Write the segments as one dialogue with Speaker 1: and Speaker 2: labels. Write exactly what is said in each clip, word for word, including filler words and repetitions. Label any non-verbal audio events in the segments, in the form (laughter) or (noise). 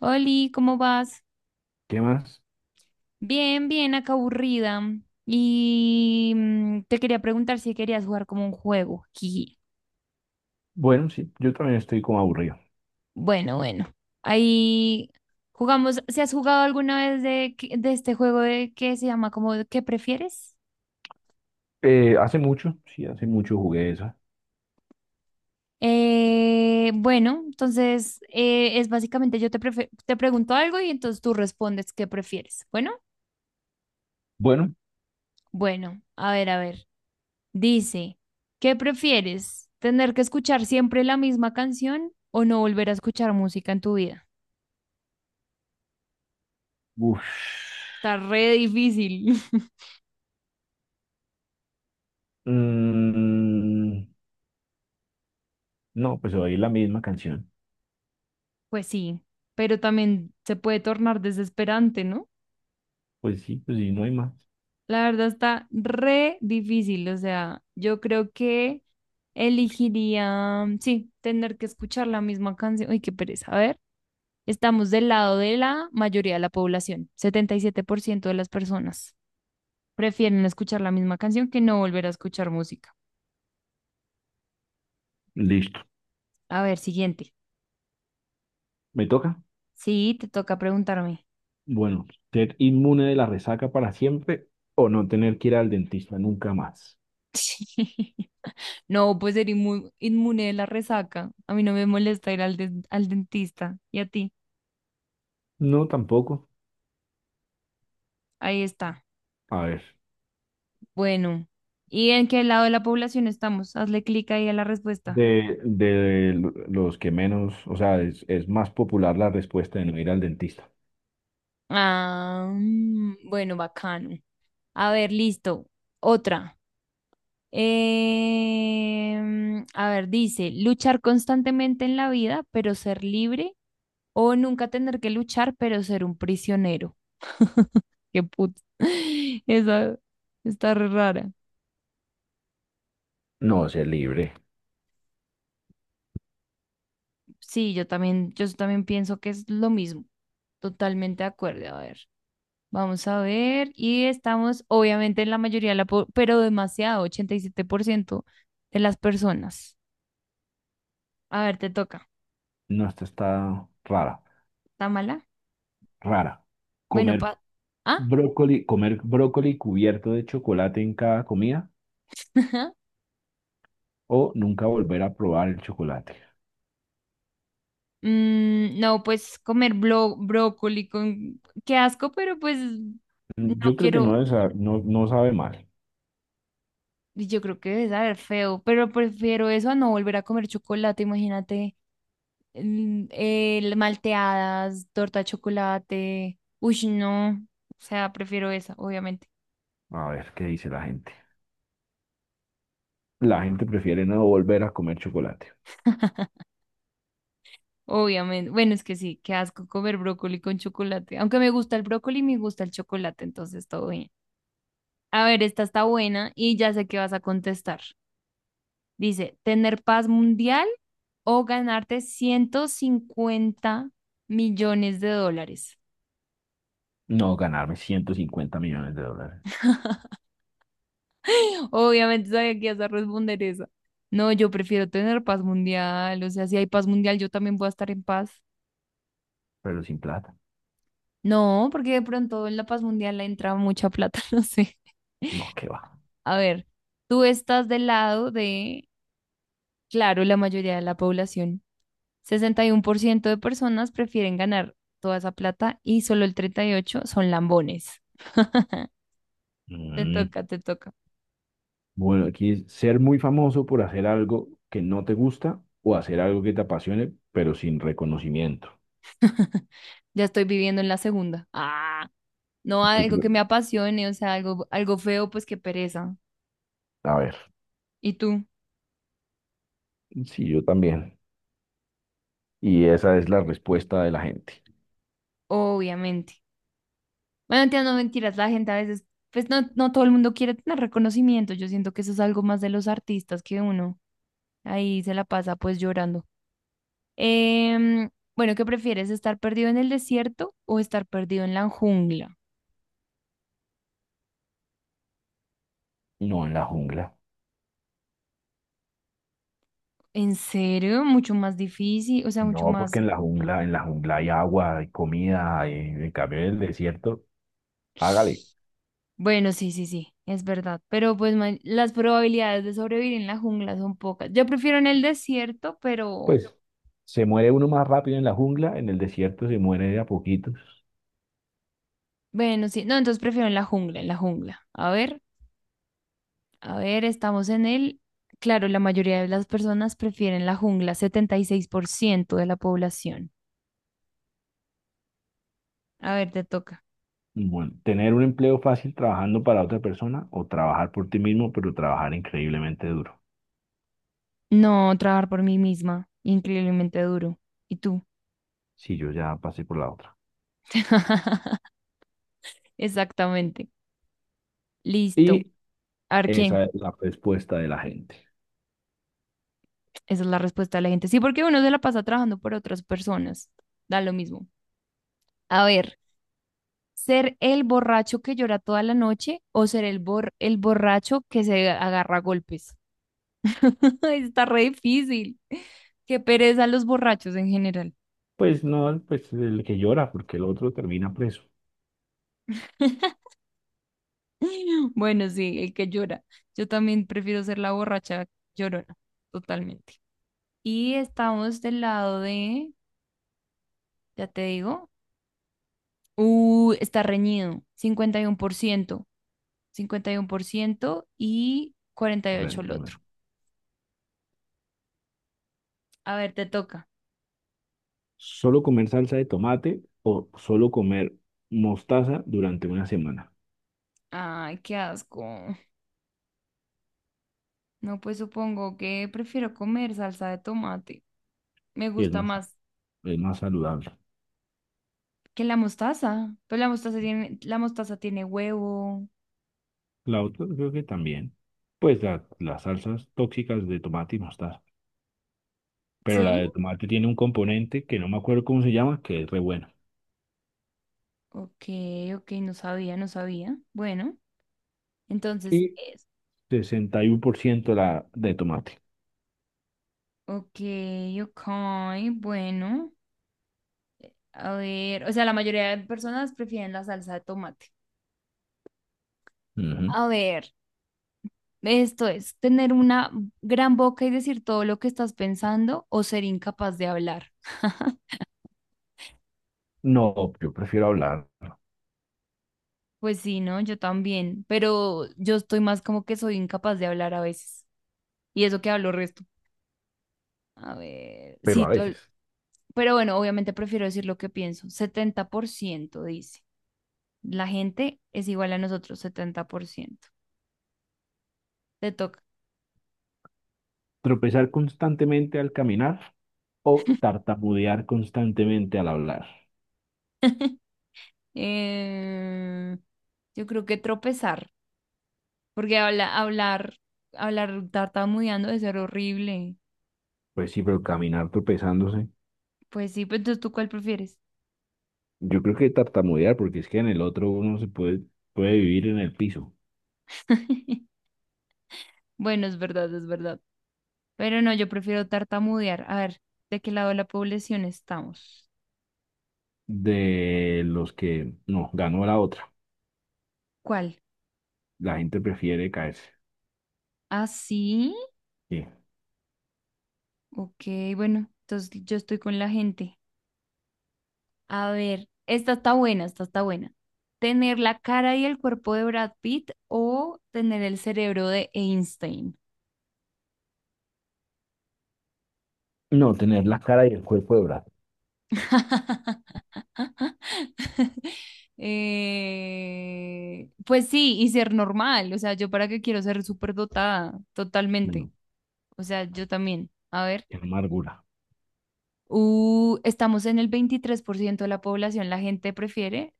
Speaker 1: Oli, ¿cómo vas?
Speaker 2: ¿Qué más?
Speaker 1: Bien, bien, acá aburrida. Y mm, te quería preguntar si querías jugar como un juego. Jiji.
Speaker 2: Bueno, sí, yo también estoy como aburrido.
Speaker 1: Bueno, bueno. Ahí jugamos. ¿Se has jugado alguna vez de, que- de este juego de que se llama como de ¿Qué prefieres?
Speaker 2: Eh, hace mucho, sí, hace mucho jugué esa.
Speaker 1: Eh, bueno, entonces eh, es básicamente yo te, prefe- te pregunto algo y entonces tú respondes qué prefieres. Bueno,
Speaker 2: Bueno,
Speaker 1: bueno, a ver, a ver. Dice, ¿qué prefieres? ¿Tener que escuchar siempre la misma canción o no volver a escuchar música en tu vida?
Speaker 2: uff.
Speaker 1: Está re difícil. (laughs)
Speaker 2: Mm, no, pues oí la misma canción.
Speaker 1: Pues sí, pero también se puede tornar desesperante, ¿no?
Speaker 2: Pues sí, pues sí, no hay más.
Speaker 1: La verdad está re difícil, o sea, yo creo que elegiría, sí, tener que escuchar la misma canción. Uy, qué pereza. A ver, estamos del lado de la mayoría de la población, setenta y siete por ciento de las personas prefieren escuchar la misma canción que no volver a escuchar música.
Speaker 2: Listo.
Speaker 1: A ver, siguiente.
Speaker 2: ¿Me toca?
Speaker 1: Sí, te toca preguntarme. (laughs)
Speaker 2: Bueno, ser inmune de la resaca para siempre o no tener que ir al dentista nunca más.
Speaker 1: Sí. No, pues ser inmu- inmune de la resaca. A mí no me molesta ir al, den- al dentista. ¿Y a ti?
Speaker 2: No, tampoco.
Speaker 1: Ahí está.
Speaker 2: A ver,
Speaker 1: Bueno. ¿Y en qué lado de la población estamos? Hazle clic ahí a la respuesta.
Speaker 2: de, de los que menos, o sea, es, es más popular la respuesta de no ir al dentista.
Speaker 1: Ah, mm, bueno, bacano. A ver, listo. Otra. Em, a ver, dice, luchar constantemente en la vida, pero ser libre, o nunca tener que luchar, pero ser un prisionero. Qué puto. (laughs) Esa está re rara.
Speaker 2: No, sé libre.
Speaker 1: Sí, yo también, yo también pienso que es lo mismo. Totalmente de acuerdo. A ver, vamos a ver. Y estamos, obviamente, en la mayoría de la, po- pero demasiado, ochenta y siete por ciento de las personas. A ver, te toca.
Speaker 2: No, esta está rara,
Speaker 1: ¿Está mala?
Speaker 2: rara.
Speaker 1: Bueno,
Speaker 2: Comer
Speaker 1: pa. ¿Ah?
Speaker 2: brócoli, comer brócoli cubierto de chocolate en cada comida
Speaker 1: (laughs)
Speaker 2: o nunca volver a probar el chocolate.
Speaker 1: Mm, no, pues comer blo- brócoli con. Qué asco, pero pues no
Speaker 2: Yo creo que no,
Speaker 1: quiero.
Speaker 2: debe sa- no, no sabe mal.
Speaker 1: Y Yo creo que debe saber feo, pero prefiero eso a no volver a comer chocolate, imagínate. el- el malteadas, torta de chocolate. Uy, no. O sea, prefiero esa, obviamente.
Speaker 2: A ver qué dice la gente. La gente prefiere no volver a comer chocolate.
Speaker 1: (laughs) Obviamente. Bueno, es que sí, qué asco comer brócoli con chocolate. Aunque me gusta el brócoli, me gusta el chocolate, entonces todo bien. A ver, esta está buena y ya sé qué vas a contestar. Dice, ¿tener paz mundial o ganarte ciento cincuenta millones de dólares?
Speaker 2: No ganarme ciento cincuenta millones de dólares,
Speaker 1: Obviamente sabía que ibas a responder esa. No, yo prefiero tener paz mundial. O sea, si hay paz mundial, yo también voy a estar en paz.
Speaker 2: pero sin plata.
Speaker 1: No, porque de pronto en la paz mundial le entra mucha plata, (laughs) no sé.
Speaker 2: No, qué va.
Speaker 1: A ver, tú estás del lado de, claro, la mayoría de la población. Sesenta y uno por ciento de personas prefieren ganar toda esa plata y solo el treinta y ocho por ciento son lambones. (laughs) Te
Speaker 2: Mm.
Speaker 1: toca, te toca.
Speaker 2: Bueno, aquí es ser muy famoso por hacer algo que no te gusta o hacer algo que te apasione, pero sin reconocimiento.
Speaker 1: (laughs) Ya estoy viviendo en la segunda. Ah. No
Speaker 2: Yo
Speaker 1: algo
Speaker 2: creo,
Speaker 1: que me apasione, o sea, algo, algo feo, pues qué pereza.
Speaker 2: a ver,
Speaker 1: ¿Y tú?
Speaker 2: sí, yo también. Y esa es la respuesta de la gente.
Speaker 1: Obviamente. Bueno, entiendo, no mentiras, la gente a veces, pues no, no todo el mundo quiere tener reconocimiento. Yo siento que eso es algo más de los artistas que uno ahí se la pasa pues llorando. Em, bueno, ¿qué prefieres? ¿Estar perdido en el desierto o estar perdido en la jungla?
Speaker 2: No, en la jungla.
Speaker 1: ¿En serio? Mucho más difícil, o sea, mucho
Speaker 2: No, porque
Speaker 1: más.
Speaker 2: en la jungla, en la jungla hay agua, hay comida, hay, en cambio en el desierto, hágale.
Speaker 1: Bueno, sí, sí, sí, es verdad. Pero pues ma- las probabilidades de sobrevivir en la jungla son pocas. Yo prefiero en el desierto, pero
Speaker 2: Pues se muere uno más rápido en la jungla, en el desierto se muere de a poquitos.
Speaker 1: bueno, sí. No, entonces prefiero en la jungla, en la jungla. A ver, a ver, estamos en el... Claro, la mayoría de las personas prefieren la jungla, setenta y seis por ciento de la población. A ver, te toca.
Speaker 2: Bueno, tener un empleo fácil trabajando para otra persona o trabajar por ti mismo, pero trabajar increíblemente duro.
Speaker 1: No, trabajar por mí misma, increíblemente duro. ¿Y tú?
Speaker 2: Si yo ya pasé por la otra.
Speaker 1: (laughs) Exactamente. Listo.
Speaker 2: Y
Speaker 1: A ver, ¿quién?
Speaker 2: esa es la respuesta de la gente.
Speaker 1: Esa es la respuesta de la gente. Sí, porque uno se la pasa trabajando por otras personas. Da lo mismo. A ver, ser el borracho que llora toda la noche o ser el, bor el borracho que se agarra a golpes. (laughs) Está re difícil. Qué pereza los borrachos en general.
Speaker 2: Pues no, pues el que llora, porque el otro termina preso.
Speaker 1: (laughs) Bueno, sí, el que llora. Yo también prefiero ser la borracha llorona, totalmente. Y estamos del lado de, ya te digo, uh, está reñido, cincuenta y uno por ciento cincuenta y
Speaker 2: por el-
Speaker 1: cuarenta y ocho por ciento el
Speaker 2: por el-
Speaker 1: otro. A ver, te toca.
Speaker 2: Solo comer salsa de tomate o solo comer mostaza durante una semana.
Speaker 1: Ay, qué asco. No, pues supongo que prefiero comer salsa de tomate. Me
Speaker 2: Y es
Speaker 1: gusta
Speaker 2: más,
Speaker 1: más
Speaker 2: es más saludable.
Speaker 1: que la mostaza. Pues la mostaza tiene, la mostaza tiene huevo.
Speaker 2: La otra creo que también. Pues la- las salsas tóxicas de tomate y mostaza. Pero la
Speaker 1: ¿Sí?
Speaker 2: de tomate tiene un componente que no me acuerdo cómo se llama, que es re bueno.
Speaker 1: Ok, ok, no sabía, no sabía. Bueno, entonces
Speaker 2: Y
Speaker 1: es.
Speaker 2: sesenta y uno por ciento la de tomate.
Speaker 1: Ok, ok, bueno. A ver, o sea, la mayoría de personas prefieren la salsa de tomate.
Speaker 2: Ujú.
Speaker 1: A ver, esto es tener una gran boca y decir todo lo que estás pensando o ser incapaz de hablar. (laughs)
Speaker 2: No, yo prefiero hablar.
Speaker 1: Pues sí, ¿no? Yo también, pero yo estoy más como que soy incapaz de hablar a veces. Y eso que hablo resto. A ver,
Speaker 2: Pero
Speaker 1: sí,
Speaker 2: a
Speaker 1: tol-
Speaker 2: veces.
Speaker 1: pero bueno, obviamente prefiero decir lo que pienso. Setenta por ciento dice. La gente es igual a nosotros, setenta por ciento. Te toca.
Speaker 2: Tropezar constantemente al caminar o tartamudear constantemente al hablar.
Speaker 1: Eh, yo creo que tropezar, porque habla, hablar, hablar tartamudeando debe ser horrible.
Speaker 2: Pues sí, pero caminar tropezándose.
Speaker 1: Pues sí, pues entonces tú cuál prefieres.
Speaker 2: Yo creo que tartamudear, porque es que en el otro uno se puede, puede vivir en el piso.
Speaker 1: (laughs) Bueno, es verdad, es verdad. Pero no, yo prefiero tartamudear. A ver, ¿de qué lado de la población estamos?
Speaker 2: De los que no, ganó la otra.
Speaker 1: ¿Cuál?
Speaker 2: La gente prefiere caerse.
Speaker 1: ¿Ah, sí?
Speaker 2: Sí.
Speaker 1: Ok, bueno, entonces yo estoy con la gente. A ver, esta está buena, esta está buena. ¿Tener la cara y el cuerpo de Brad Pitt o tener el cerebro de Einstein?
Speaker 2: No, tener la cara y el cuerpo de brazo.
Speaker 1: (laughs) Eh, pues sí, y ser normal. O sea, yo para qué quiero ser súper dotada, totalmente.
Speaker 2: Bueno,
Speaker 1: O sea, yo también. A ver,
Speaker 2: qué amargura.
Speaker 1: uh, estamos en el veintitrés por ciento de la población. La gente prefiere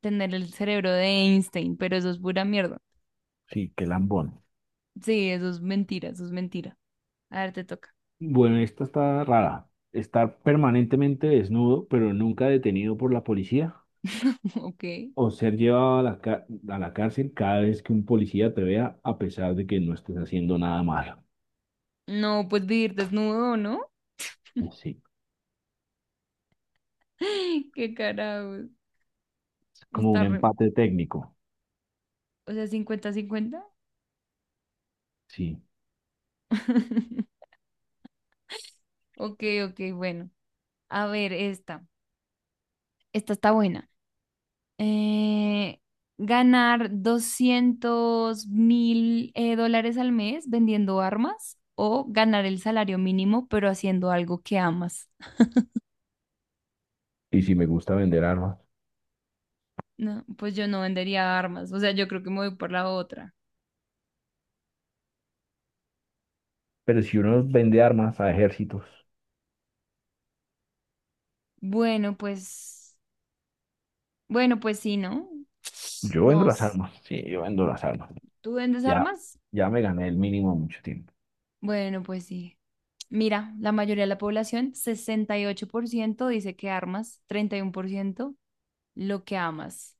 Speaker 1: tener el cerebro de Einstein, pero eso es pura mierda.
Speaker 2: Sí, qué lambón.
Speaker 1: Sí, eso es mentira, eso es mentira. A ver, te toca.
Speaker 2: Bueno, esta está rara. Estar permanentemente desnudo, pero nunca detenido por la policía.
Speaker 1: (laughs) Ok.
Speaker 2: O ser llevado a la, ca- a la cárcel cada vez que un policía te vea, a pesar de que no estés haciendo nada malo.
Speaker 1: No, pues vivir desnudo, ¿no?
Speaker 2: Sí,
Speaker 1: (laughs) Qué carajo.
Speaker 2: es como
Speaker 1: Está.
Speaker 2: un
Speaker 1: re-
Speaker 2: empate técnico.
Speaker 1: O sea, cincuenta-cincuenta.
Speaker 2: Sí.
Speaker 1: (laughs) Ok, ok, bueno. A ver, esta. Esta está buena. Eh, ¿ganar doscientos mil eh, dólares al mes vendiendo armas o ganar el salario mínimo pero haciendo algo que amas?
Speaker 2: Y si me gusta vender armas.
Speaker 1: No, pues yo no vendería armas. O sea, yo creo que me voy por la otra.
Speaker 2: Pero si uno vende armas a ejércitos,
Speaker 1: Bueno, pues, bueno, pues sí, ¿no? (tsk)
Speaker 2: yo vendo
Speaker 1: ¿Nos
Speaker 2: las
Speaker 1: s-
Speaker 2: armas. Sí, yo vendo las armas.
Speaker 1: ¿Tú vendes
Speaker 2: Ya,
Speaker 1: armas?
Speaker 2: ya me gané el mínimo mucho tiempo.
Speaker 1: Bueno, pues sí. Mira, la mayoría de la población, sesenta y ocho por ciento dice que armas, treinta y uno por ciento lo que amas.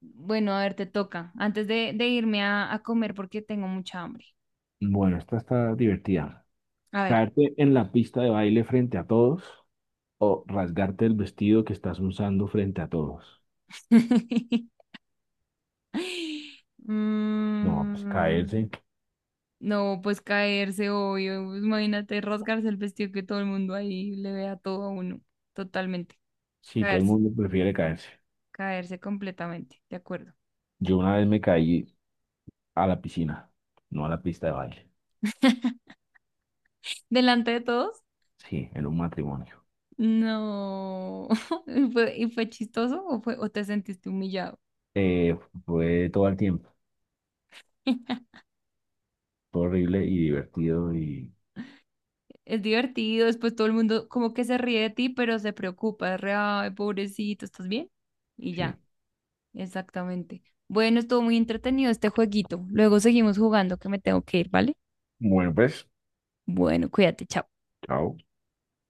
Speaker 1: Bueno, a ver, te toca. Antes de, de irme a, a comer porque tengo mucha hambre.
Speaker 2: Bueno, esta está divertida.
Speaker 1: A ver.
Speaker 2: Caerte en la pista de baile frente a todos o rasgarte el vestido que estás usando frente a todos.
Speaker 1: (laughs)
Speaker 2: No, pues
Speaker 1: Mm,
Speaker 2: caerse.
Speaker 1: no, pues caerse, obvio. Pues imagínate rasgarse el vestido que todo el mundo ahí le vea todo a uno. Totalmente.
Speaker 2: Sí, todo el
Speaker 1: Caerse,
Speaker 2: mundo prefiere caerse.
Speaker 1: caerse completamente. De acuerdo.
Speaker 2: Yo una vez me caí a la piscina, no a la pista de baile,
Speaker 1: (laughs) Delante de todos.
Speaker 2: sí, en un matrimonio.
Speaker 1: No. (laughs) ¿Y fue, y fue chistoso o fue, o te sentiste humillado?
Speaker 2: Eh, fue todo el tiempo,
Speaker 1: (laughs)
Speaker 2: fue horrible y divertido y
Speaker 1: Es divertido, después todo el mundo como que se ríe de ti, pero se preocupa, es re, ay, pobrecito, ¿estás bien? Y ya,
Speaker 2: sí.
Speaker 1: exactamente. Bueno, estuvo muy entretenido este jueguito. Luego seguimos jugando que me tengo que ir, ¿vale?
Speaker 2: Bueno, pues,
Speaker 1: Bueno, cuídate, chao.
Speaker 2: chao.